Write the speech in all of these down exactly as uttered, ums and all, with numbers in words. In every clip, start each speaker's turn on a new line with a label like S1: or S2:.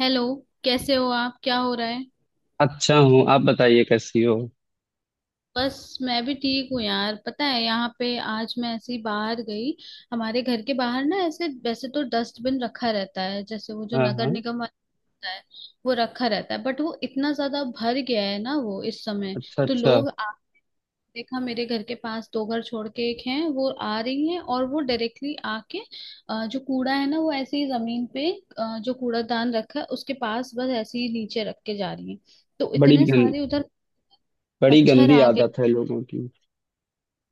S1: Hello. कैसे हो आप? क्या हो रहा है?
S2: अच्छा हूँ। आप बताइए कैसी हो।
S1: बस मैं भी ठीक हूँ यार। पता है, यहाँ पे आज मैं ऐसे ही बाहर गई। हमारे घर के बाहर ना, ऐसे वैसे तो डस्टबिन रखा रहता है, जैसे वो जो
S2: हाँ
S1: नगर
S2: हाँ।
S1: निगम वाला होता है, वो रखा रहता है। बट वो इतना ज्यादा भर गया है ना वो इस समय।
S2: अच्छा
S1: तो
S2: अच्छा।
S1: लोग, देखा मेरे घर के पास दो घर छोड़ के एक है, वो आ रही है और वो डायरेक्टली आके अ, जो कूड़ा है ना वो ऐसे ही जमीन पे अ, जो कूड़ादान रखा है उसके पास बस ऐसे ही नीचे रख के जा रही है। तो
S2: बड़ी
S1: इतने
S2: गं,
S1: सारे उधर
S2: बड़ी
S1: मच्छर
S2: गंदी
S1: आ गए।
S2: आदत है लोगों की।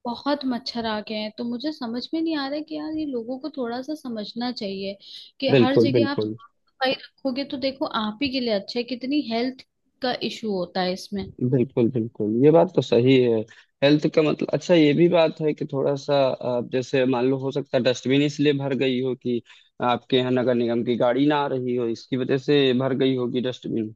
S1: बहुत मच्छर आ गए हैं। तो मुझे समझ में नहीं आ रहा है कि यार, ये लोगों को थोड़ा सा समझना चाहिए कि हर
S2: बिल्कुल
S1: जगह आप
S2: बिल्कुल।
S1: साफ सफाई रखोगे तो देखो आप ही के लिए अच्छा है। कितनी हेल्थ का इशू होता है इसमें।
S2: बिल्कुल बिल्कुल, ये बात तो सही है। हेल्थ का मतलब अच्छा ये भी बात है कि थोड़ा सा आप जैसे मान लो हो सकता है डस्टबिन इसलिए भर गई हो कि आपके यहाँ नगर निगम की गाड़ी ना आ रही हो, इसकी वजह से भर गई होगी डस्टबिन।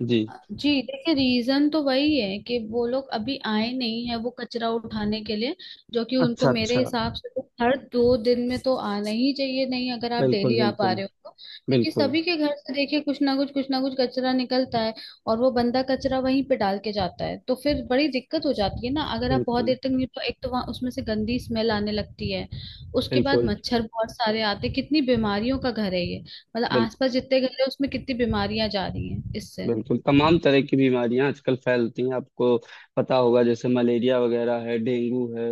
S2: जी।
S1: जी। देखिए, रीजन तो वही है कि वो लोग अभी आए नहीं है वो कचरा उठाने के लिए, जो कि
S2: अच्छा
S1: उनको मेरे
S2: अच्छा।
S1: हिसाब से तो हर दो दिन में तो आना ही चाहिए। नहीं, अगर आप
S2: बिल्कुल
S1: डेली आ पा
S2: बिल्कुल
S1: रहे हो तो। क्योंकि
S2: बिल्कुल।
S1: सभी के घर से देखिए कुछ ना कुछ कुछ ना कुछ कचरा निकलता है। और वो बंदा कचरा वहीं पे डाल के जाता है तो फिर बड़ी दिक्कत हो जाती है ना। अगर आप बहुत
S2: बिल्कुल
S1: देर तक नहीं, तो एक तो वहाँ उसमें से गंदी स्मेल आने लगती है। उसके बाद
S2: बिल्कुल।
S1: मच्छर बहुत सारे आते हैं। कितनी बीमारियों का घर है ये। मतलब
S2: बिल्कुल।
S1: आसपास जितने घर है उसमें कितनी बीमारियां जा रही हैं इससे।
S2: बिल्कुल तमाम तरह की बीमारियां आजकल फैलती हैं, आपको पता होगा जैसे मलेरिया वगैरह है, डेंगू है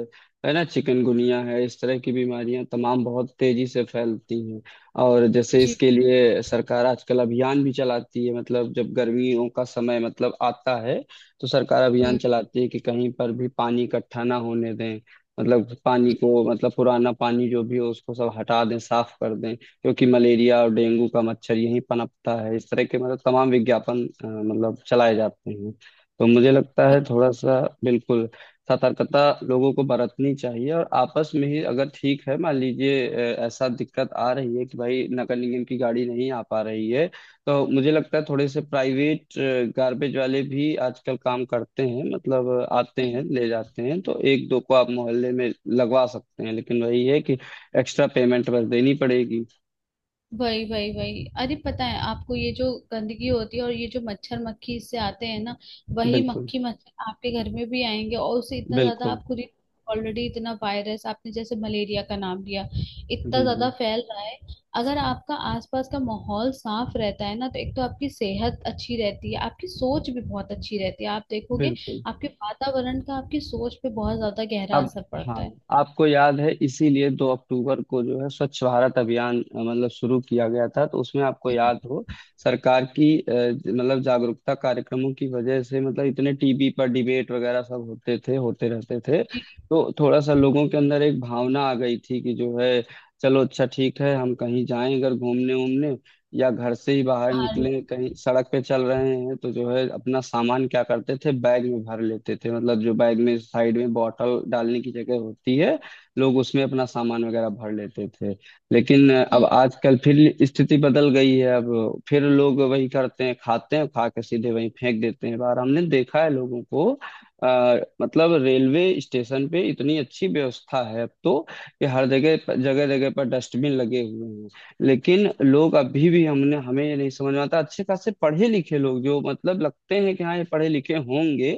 S2: है ना, चिकनगुनिया है। इस तरह की बीमारियां तमाम बहुत तेजी से फैलती हैं। और जैसे
S1: जी।
S2: इसके लिए सरकार आजकल अभियान भी चलाती है, मतलब जब गर्मियों का समय मतलब आता है तो सरकार अभियान
S1: हम्म।
S2: चलाती है कि कहीं पर भी पानी इकट्ठा ना होने दें। मतलब पानी को मतलब पुराना पानी जो भी हो उसको सब हटा दें, साफ कर दें, क्योंकि मलेरिया और डेंगू का मच्छर यहीं पनपता है। इस तरह के मतलब तमाम विज्ञापन अ, मतलब चलाए जाते हैं। तो मुझे लगता
S1: व-
S2: है थोड़ा सा बिल्कुल सतर्कता लोगों को बरतनी चाहिए, और आपस में ही अगर ठीक है मान लीजिए अ, ऐसा दिक्कत आ रही है कि भाई नगर निगम की गाड़ी नहीं आ पा रही है, तो मुझे लगता है थोड़े से प्राइवेट गार्बेज वाले भी आजकल काम करते हैं, मतलब अ, आते हैं
S1: हम्म,
S2: ले जाते हैं, तो एक दो को आप मोहल्ले में लगवा सकते हैं, लेकिन वही है कि एक्स्ट्रा पेमेंट बस देनी पड़ेगी।
S1: वही वही वही। अरे पता है आपको, ये जो गंदगी होती है और ये जो मच्छर मक्खी इससे आते हैं ना, वही
S2: बिल्कुल
S1: मक्खी मच्छर आपके घर में भी आएंगे। और उससे इतना ज्यादा
S2: बिल्कुल।
S1: आप खुद ही ऑलरेडी इतना वायरस, आपने जैसे मलेरिया का नाम लिया, इतना
S2: जी
S1: ज्यादा
S2: जी।
S1: फैल रहा है। अगर आपका आसपास का माहौल साफ रहता है ना, तो एक तो आपकी सेहत अच्छी रहती है, आपकी सोच भी बहुत अच्छी रहती है। आप देखोगे,
S2: बिल्कुल।
S1: आपके वातावरण का आपकी सोच पे बहुत ज्यादा गहरा
S2: अब
S1: असर पड़ता
S2: हाँ।
S1: है।
S2: आपको याद है, इसीलिए दो अक्टूबर को जो है स्वच्छ भारत अभियान अ, मतलब शुरू किया गया था, तो उसमें आपको
S1: हम्म।
S2: याद हो सरकार की अ, मतलब जागरूकता कार्यक्रमों की वजह से, मतलब इतने टीवी पर डिबेट वगैरह सब होते थे, होते रहते थे।
S1: जी।
S2: तो थोड़ा सा लोगों के अंदर एक भावना आ गई थी कि जो है चलो अच्छा ठीक है, हम कहीं जाएं अगर घूमने उमने या घर से ही बाहर
S1: हाँ।
S2: निकले कहीं सड़क पे चल रहे हैं, तो जो है अपना सामान क्या करते थे बैग में भर लेते थे, मतलब जो बैग में साइड में बॉटल डालने की जगह होती है लोग उसमें अपना सामान वगैरह भर लेते थे। लेकिन अब
S1: हम्म।
S2: आजकल फिर स्थिति बदल गई है, अब फिर लोग वही करते हैं, खाते हैं, खा के सीधे वहीं फेंक देते हैं बाहर, हमने देखा है लोगों को। आ, मतलब रेलवे स्टेशन पे इतनी अच्छी व्यवस्था है अब तो, कि हर जगह जगह जगह पर डस्टबिन लगे हुए हैं। लेकिन लोग अभी भी हमने हमें ये नहीं समझ में आता, अच्छे खासे पढ़े लिखे लोग जो मतलब लगते हैं कि हाँ ये पढ़े लिखे होंगे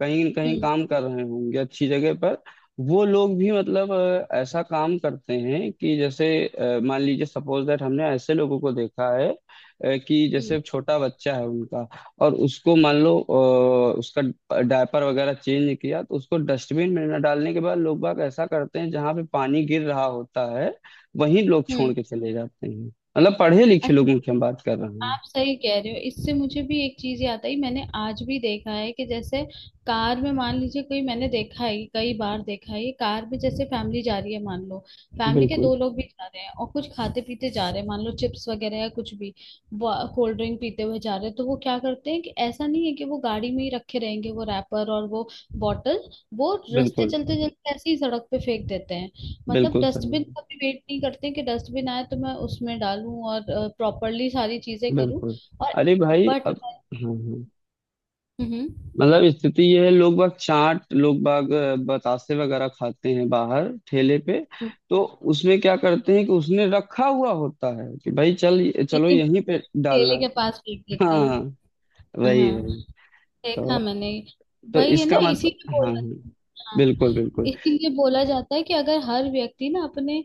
S2: कहीं न कहीं
S1: हम्म।
S2: काम कर रहे होंगे अच्छी जगह पर, वो लोग भी मतलब अ, ऐसा काम करते हैं कि जैसे अ, मान लीजिए सपोज दैट, हमने ऐसे लोगों को देखा है अ, कि जैसे
S1: हम्म।
S2: छोटा बच्चा है उनका और उसको मान लो अ, उसका डायपर वगैरह चेंज किया, तो उसको डस्टबिन में न डालने के बाद लोग बाग ऐसा करते हैं जहाँ पे पानी गिर रहा होता है वहीं लोग छोड़
S1: हम्म।
S2: के चले जाते हैं। मतलब पढ़े लिखे लोगों
S1: अच्छा।
S2: की हम बात कर रहे हैं।
S1: आप सही कह रहे हो। इससे मुझे भी एक चीज याद आई। मैंने आज भी देखा है कि जैसे कार में, मान लीजिए कोई, मैंने देखा है, कई बार देखा है ये। कार में जैसे फैमिली जा रही है, मान लो फैमिली के
S2: बिल्कुल।
S1: दो लोग भी जा रहे हैं और कुछ खाते पीते जा रहे हैं, मान लो चिप्स वगैरह या कुछ भी, कोल्ड ड्रिंक पीते हुए जा रहे हैं। तो वो क्या करते हैं कि ऐसा नहीं है कि वो गाड़ी में ही रखे रहेंगे, वो रैपर और वो बॉटल, वो रास्ते
S2: बिल्कुल।
S1: चलते चलते ऐसे ही सड़क पे फेंक देते हैं। मतलब
S2: बिल्कुल सही
S1: डस्टबिन
S2: बात।
S1: का भी वेट नहीं करते कि डस्टबिन आए तो मैं उसमें डालूं और प्रॉपरली सारी चीजें करूं।
S2: बिल्कुल।
S1: और
S2: अरे भाई
S1: बट।
S2: अब। हाँ हाँ।
S1: हम्म।
S2: मतलब स्थिति यह है, लोग बाग चाट, लोग बाग अ, बतासे वगैरह खाते हैं बाहर ठेले पे,
S1: हम्म,
S2: तो उसमें क्या करते हैं कि उसने रखा हुआ होता है कि भाई चल चलो
S1: लेकिन
S2: यहीं पे डालना।
S1: ठेले के पास फेंक देते
S2: हाँ।
S1: हैं।
S2: वही
S1: हाँ,
S2: वही। तो
S1: देखा मैंने।
S2: तो
S1: वही है ना,
S2: इसका
S1: इसी
S2: मतलब
S1: के
S2: हाँ हाँ।
S1: बोला। हाँ,
S2: बिल्कुल बिल्कुल।
S1: इसीलिए बोला जाता है कि अगर हर व्यक्ति ना अपने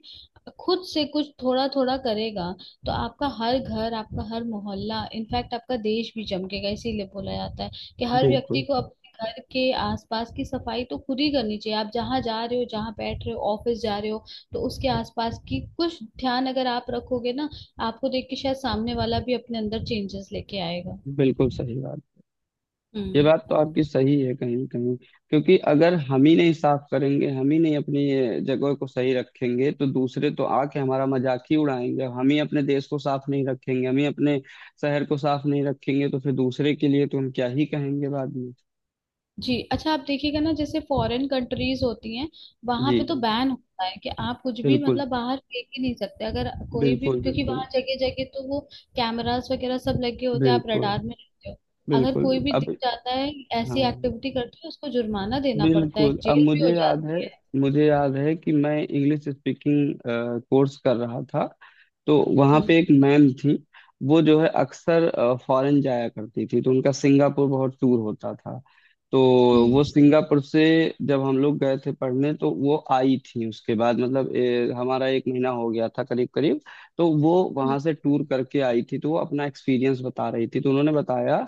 S1: खुद से कुछ थोड़ा थोड़ा करेगा तो आपका हर घर, आपका हर मोहल्ला, इनफैक्ट आपका देश भी चमकेगा। इसीलिए बोला जाता है कि हर व्यक्ति
S2: बिल्कुल।
S1: को अपने घर के आसपास की सफाई तो खुद ही करनी चाहिए। आप जहाँ जा रहे हो, जहाँ बैठ रहे हो, ऑफिस जा रहे हो, तो उसके आसपास की कुछ ध्यान अगर आप रखोगे ना, आपको देख के शायद सामने वाला भी अपने अंदर चेंजेस लेके आएगा।
S2: बिल्कुल सही बात। ये बात
S1: हम्म।
S2: तो आपकी सही है कहीं ना कहीं, क्योंकि अगर हम ही नहीं साफ करेंगे, हम ही नहीं अपनी ये जगह को सही रखेंगे, तो दूसरे तो आके हमारा मजाक ही उड़ाएंगे। हम ही अपने देश को साफ नहीं रखेंगे, हम ही अपने शहर को साफ नहीं रखेंगे, तो फिर दूसरे के लिए तो हम क्या ही कहेंगे बाद में।
S1: जी, अच्छा। आप देखिएगा ना, जैसे फॉरेन कंट्रीज होती हैं, वहां
S2: जी
S1: पे तो
S2: जी।
S1: बैन होता है कि आप कुछ भी
S2: बिल्कुल।
S1: मतलब बाहर फेंक ही नहीं सकते अगर कोई भी।
S2: बिल्कुल
S1: क्योंकि
S2: बिल्कुल।
S1: वहां जगह जगह तो वो कैमरास वगैरह सब लगे होते हैं, आप
S2: बिल्कुल।
S1: रडार में रहते हो। अगर
S2: बिल्कुल
S1: कोई भी दिख
S2: अब
S1: जाता है ऐसी
S2: हाँ।
S1: एक्टिविटी करते है, उसको जुर्माना देना पड़ता
S2: बिल्कुल
S1: है,
S2: अब
S1: जेल भी हो
S2: मुझे याद है,
S1: जाती है।
S2: मुझे याद है कि मैं इंग्लिश स्पीकिंग कोर्स कर रहा था, तो वहाँ
S1: हम्म।
S2: पे एक मैम थी। वो जो है अक्सर फॉरेन जाया करती थी, तो उनका सिंगापुर बहुत टूर होता था। तो वो
S1: हम्म।
S2: सिंगापुर से जब हम लोग गए थे पढ़ने तो वो आई थी उसके बाद, मतलब ए, हमारा एक महीना हो गया था करीब करीब। तो वो वहाँ
S1: हम्म।
S2: से टूर करके आई थी तो वो अपना एक्सपीरियंस बता रही थी, तो उन्होंने बताया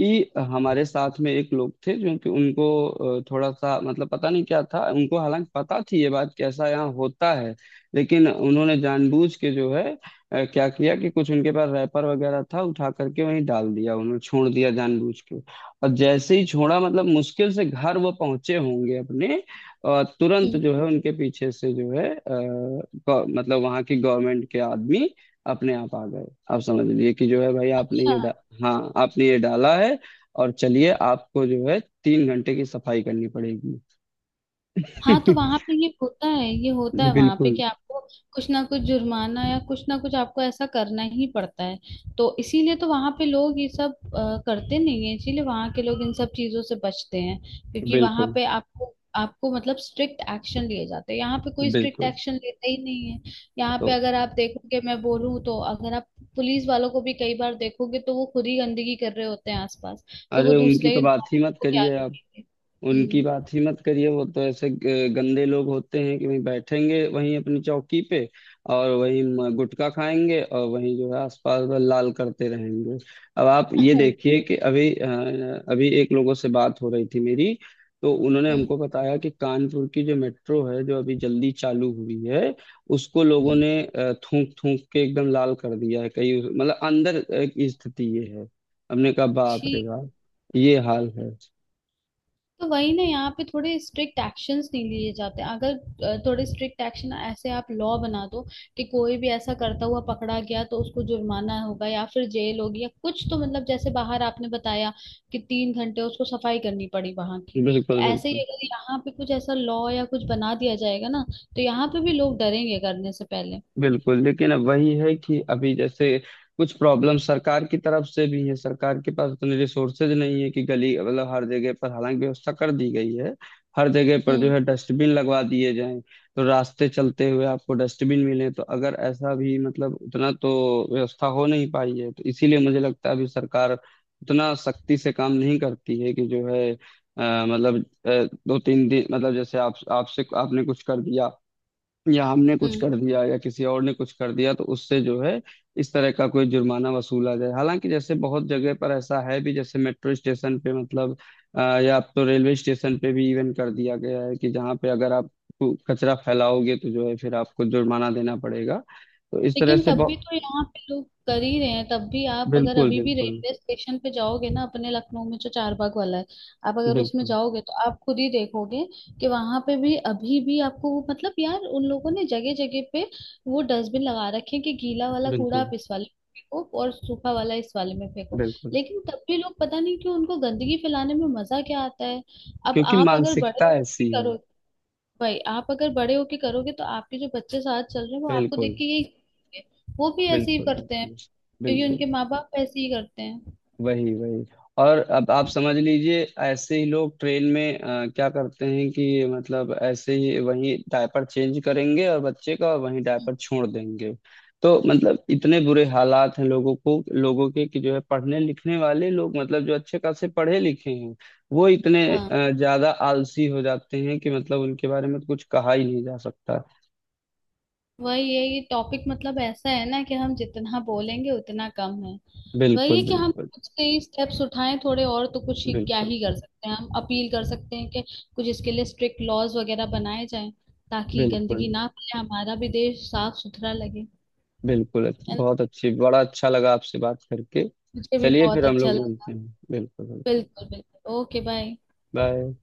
S2: कि हमारे साथ में एक लोग थे जो कि उनको अ, थोड़ा सा मतलब पता नहीं क्या था उनको, हालांकि पता थी ये बात कि ऐसा यहाँ होता है, लेकिन उन्होंने जानबूझ के जो है अ, क्या किया कि कुछ उनके पास रैपर वगैरह था उठा करके वहीं डाल दिया, उन्होंने छोड़ दिया जानबूझ के। और जैसे ही छोड़ा, मतलब मुश्किल से घर वो पहुंचे होंगे अपने, अ, तुरंत
S1: हम्म।
S2: जो है उनके पीछे से जो है अ, गौ- मतलब वहां की गवर्नमेंट के आदमी अपने आप आ गए। आप समझ लीजिए कि जो है भाई, आपने
S1: अच्छा।
S2: ये डा... हाँ आपने ये डाला है, और चलिए आपको जो है तीन घंटे की सफाई करनी पड़ेगी।
S1: हाँ, तो वहां पे ये होता है, ये होता है वहां पे
S2: बिल्कुल।
S1: कि आपको कुछ ना कुछ जुर्माना या कुछ ना कुछ आपको ऐसा करना ही पड़ता है। तो इसीलिए तो वहां पे लोग ये सब अ, करते नहीं है, इसीलिए वहां के लोग इन सब चीजों से बचते हैं। क्योंकि वहां
S2: बिल्कुल
S1: पे आपको आपको मतलब स्ट्रिक्ट एक्शन लिए जाते हैं। यहाँ पे कोई स्ट्रिक्ट
S2: बिल्कुल।
S1: एक्शन लेता ही नहीं है। यहाँ पे
S2: तो
S1: अगर आप देखोगे, मैं बोलूँ तो, अगर आप पुलिस वालों को भी कई बार देखोगे तो वो खुद ही गंदगी कर रहे होते हैं आसपास, तो
S2: अरे
S1: वो
S2: उनकी तो
S1: दूसरे
S2: बात ही
S1: नागरिक
S2: मत
S1: को क्या
S2: करिए आप।
S1: रोकेंगे।
S2: उनकी
S1: हम्म।
S2: बात ही मत करिए, वो तो ऐसे ग- गंदे लोग होते हैं कि वहीं बैठेंगे वहीं अपनी चौकी पे और वहीं म- गुटखा खाएंगे और वहीं जो है आसपास बस लाल करते रहेंगे। अब आप ये देखिए कि अभी अ, अभी एक लोगों से बात हो रही थी मेरी, तो उन्होंने
S1: हम्म।
S2: हमको बताया कि कानपुर की जो मेट्रो है जो अभी जल्दी चालू हुई है उसको लोगों
S1: हम्म।
S2: ने थूक थूक के एकदम लाल कर दिया है। कई मतलब अंदर अ, की स्थिति ये है। हमने कहा बाप रे
S1: ठीक।
S2: बाप, ये हाल है।
S1: तो वही ना, यहाँ पे थोड़े स्ट्रिक्ट एक्शंस नहीं लिए जाते। अगर अ, थोड़े स्ट्रिक्ट एक्शन ऐसे आप लॉ बना दो कि कोई भी ऐसा करता हुआ पकड़ा गया तो उसको जुर्माना होगा या फिर जेल होगी या कुछ, तो मतलब जैसे बाहर आपने बताया कि तीन घंटे उसको सफाई करनी पड़ी वहां की, तो
S2: बिल्कुल
S1: ऐसे ही
S2: बिल्कुल।
S1: अगर यहाँ पे कुछ ऐसा लॉ या कुछ बना दिया जाएगा ना तो यहाँ पे भी लोग डरेंगे करने से पहले।
S2: बिल्कुल लेकिन अब वही है कि अभी जैसे कुछ प्रॉब्लम सरकार की तरफ से भी है, सरकार के पास उतने रिसोर्सेज नहीं है कि गली मतलब हर जगह पर, हालांकि व्यवस्था कर दी गई है हर जगह पर जो
S1: हम्म।
S2: है डस्टबिन लगवा दिए जाएं, तो रास्ते चलते हुए आपको डस्टबिन मिले तो अगर ऐसा भी मतलब उतना तो व्यवस्था हो नहीं पाई है, तो इसीलिए मुझे लगता है अभी सरकार उतना सख्ती से काम नहीं करती है कि जो है अ, मतलब अ, दो तीन दिन मतलब जैसे आप आपसे आपने कुछ कर दिया या हमने कुछ
S1: हम्म।
S2: कर दिया या किसी और ने कुछ कर दिया तो उससे जो है इस तरह का कोई जुर्माना वसूला जाए, हालांकि जैसे बहुत जगह पर ऐसा है भी, जैसे मेट्रो स्टेशन पे मतलब अ, या अब तो रेलवे स्टेशन पे भी इवन कर दिया गया है कि जहाँ पे अगर आप कु- कचरा फैलाओगे तो जो है फिर आपको जुर्माना देना पड़ेगा, तो इस तरह
S1: लेकिन
S2: से
S1: तब भी
S2: बहुत।
S1: तो यहाँ पे लोग कर ही रहे हैं। तब भी आप अगर
S2: बिल्कुल
S1: अभी भी
S2: बिल्कुल।
S1: रेलवे स्टेशन पे जाओगे ना, अपने लखनऊ में जो चारबाग वाला है, आप अगर उसमें
S2: बिल्कुल
S1: जाओगे तो आप खुद ही देखोगे कि वहां पे भी अभी भी आपको वो, मतलब यार, उन लोगों ने जगह जगह पे वो डस्टबिन लगा रखे हैं कि गीला वाला कूड़ा आप
S2: बिल्कुल
S1: इस वाले में फेंको और सूखा वाला इस वाले में फेंको।
S2: बिल्कुल।
S1: लेकिन तब भी लोग पता नहीं क्यों, उनको गंदगी फैलाने में मजा क्या आता है। अब
S2: क्योंकि
S1: आप अगर बड़े
S2: मानसिकता
S1: लोग भी
S2: ऐसी है।
S1: करो, भाई, आप अगर बड़े होके करोगे तो आपके जो बच्चे साथ चल रहे हैं वो आपको देख
S2: बिल्कुल।
S1: के यही करेंगे। वो भी ऐसे ही
S2: बिल्कुल
S1: करते हैं,
S2: बिल्कुल।
S1: क्योंकि
S2: बिल्कुल
S1: उनके माँ बाप ऐसे ही करते हैं।
S2: वही वही। और अब आप समझ लीजिए ऐसे ही लोग ट्रेन में अ, क्या करते हैं कि मतलब ऐसे ही वही डायपर चेंज करेंगे और बच्चे का, और वही डायपर छोड़ देंगे। तो मतलब इतने बुरे हालात हैं लोगों को लोगों के कि जो है पढ़ने लिखने वाले लोग मतलब जो अच्छे खासे पढ़े लिखे हैं वो इतने
S1: हाँ।
S2: अ, ज्यादा आलसी हो जाते हैं कि मतलब उनके बारे में कुछ कहा ही नहीं जा सकता।
S1: वही है, ये टॉपिक मतलब ऐसा है ना कि हम जितना बोलेंगे उतना कम है। वही है
S2: बिल्कुल
S1: कि हम
S2: बिल्कुल।
S1: कुछ कई स्टेप्स उठाएं थोड़े और, तो कुछ ही क्या
S2: बिल्कुल
S1: ही कर सकते हैं। हम अपील कर सकते हैं कि कुछ इसके लिए स्ट्रिक्ट लॉज वगैरह बनाए जाएं, ताकि
S2: बिल्कुल।
S1: गंदगी ना फैले, हमारा भी देश साफ सुथरा लगे।
S2: बिल्कुल अच्छ-
S1: है ना।
S2: बहुत अच्छी, बड़ा अच्छा लगा आपसे बात करके।
S1: मुझे भी
S2: चलिए
S1: बहुत
S2: फिर हम
S1: अच्छा
S2: लोग मिलते
S1: लगा।
S2: हैं, बिल्कुल बिल्कुल।
S1: बिल्कुल बिल्कुल। ओके। बाय।
S2: बाय।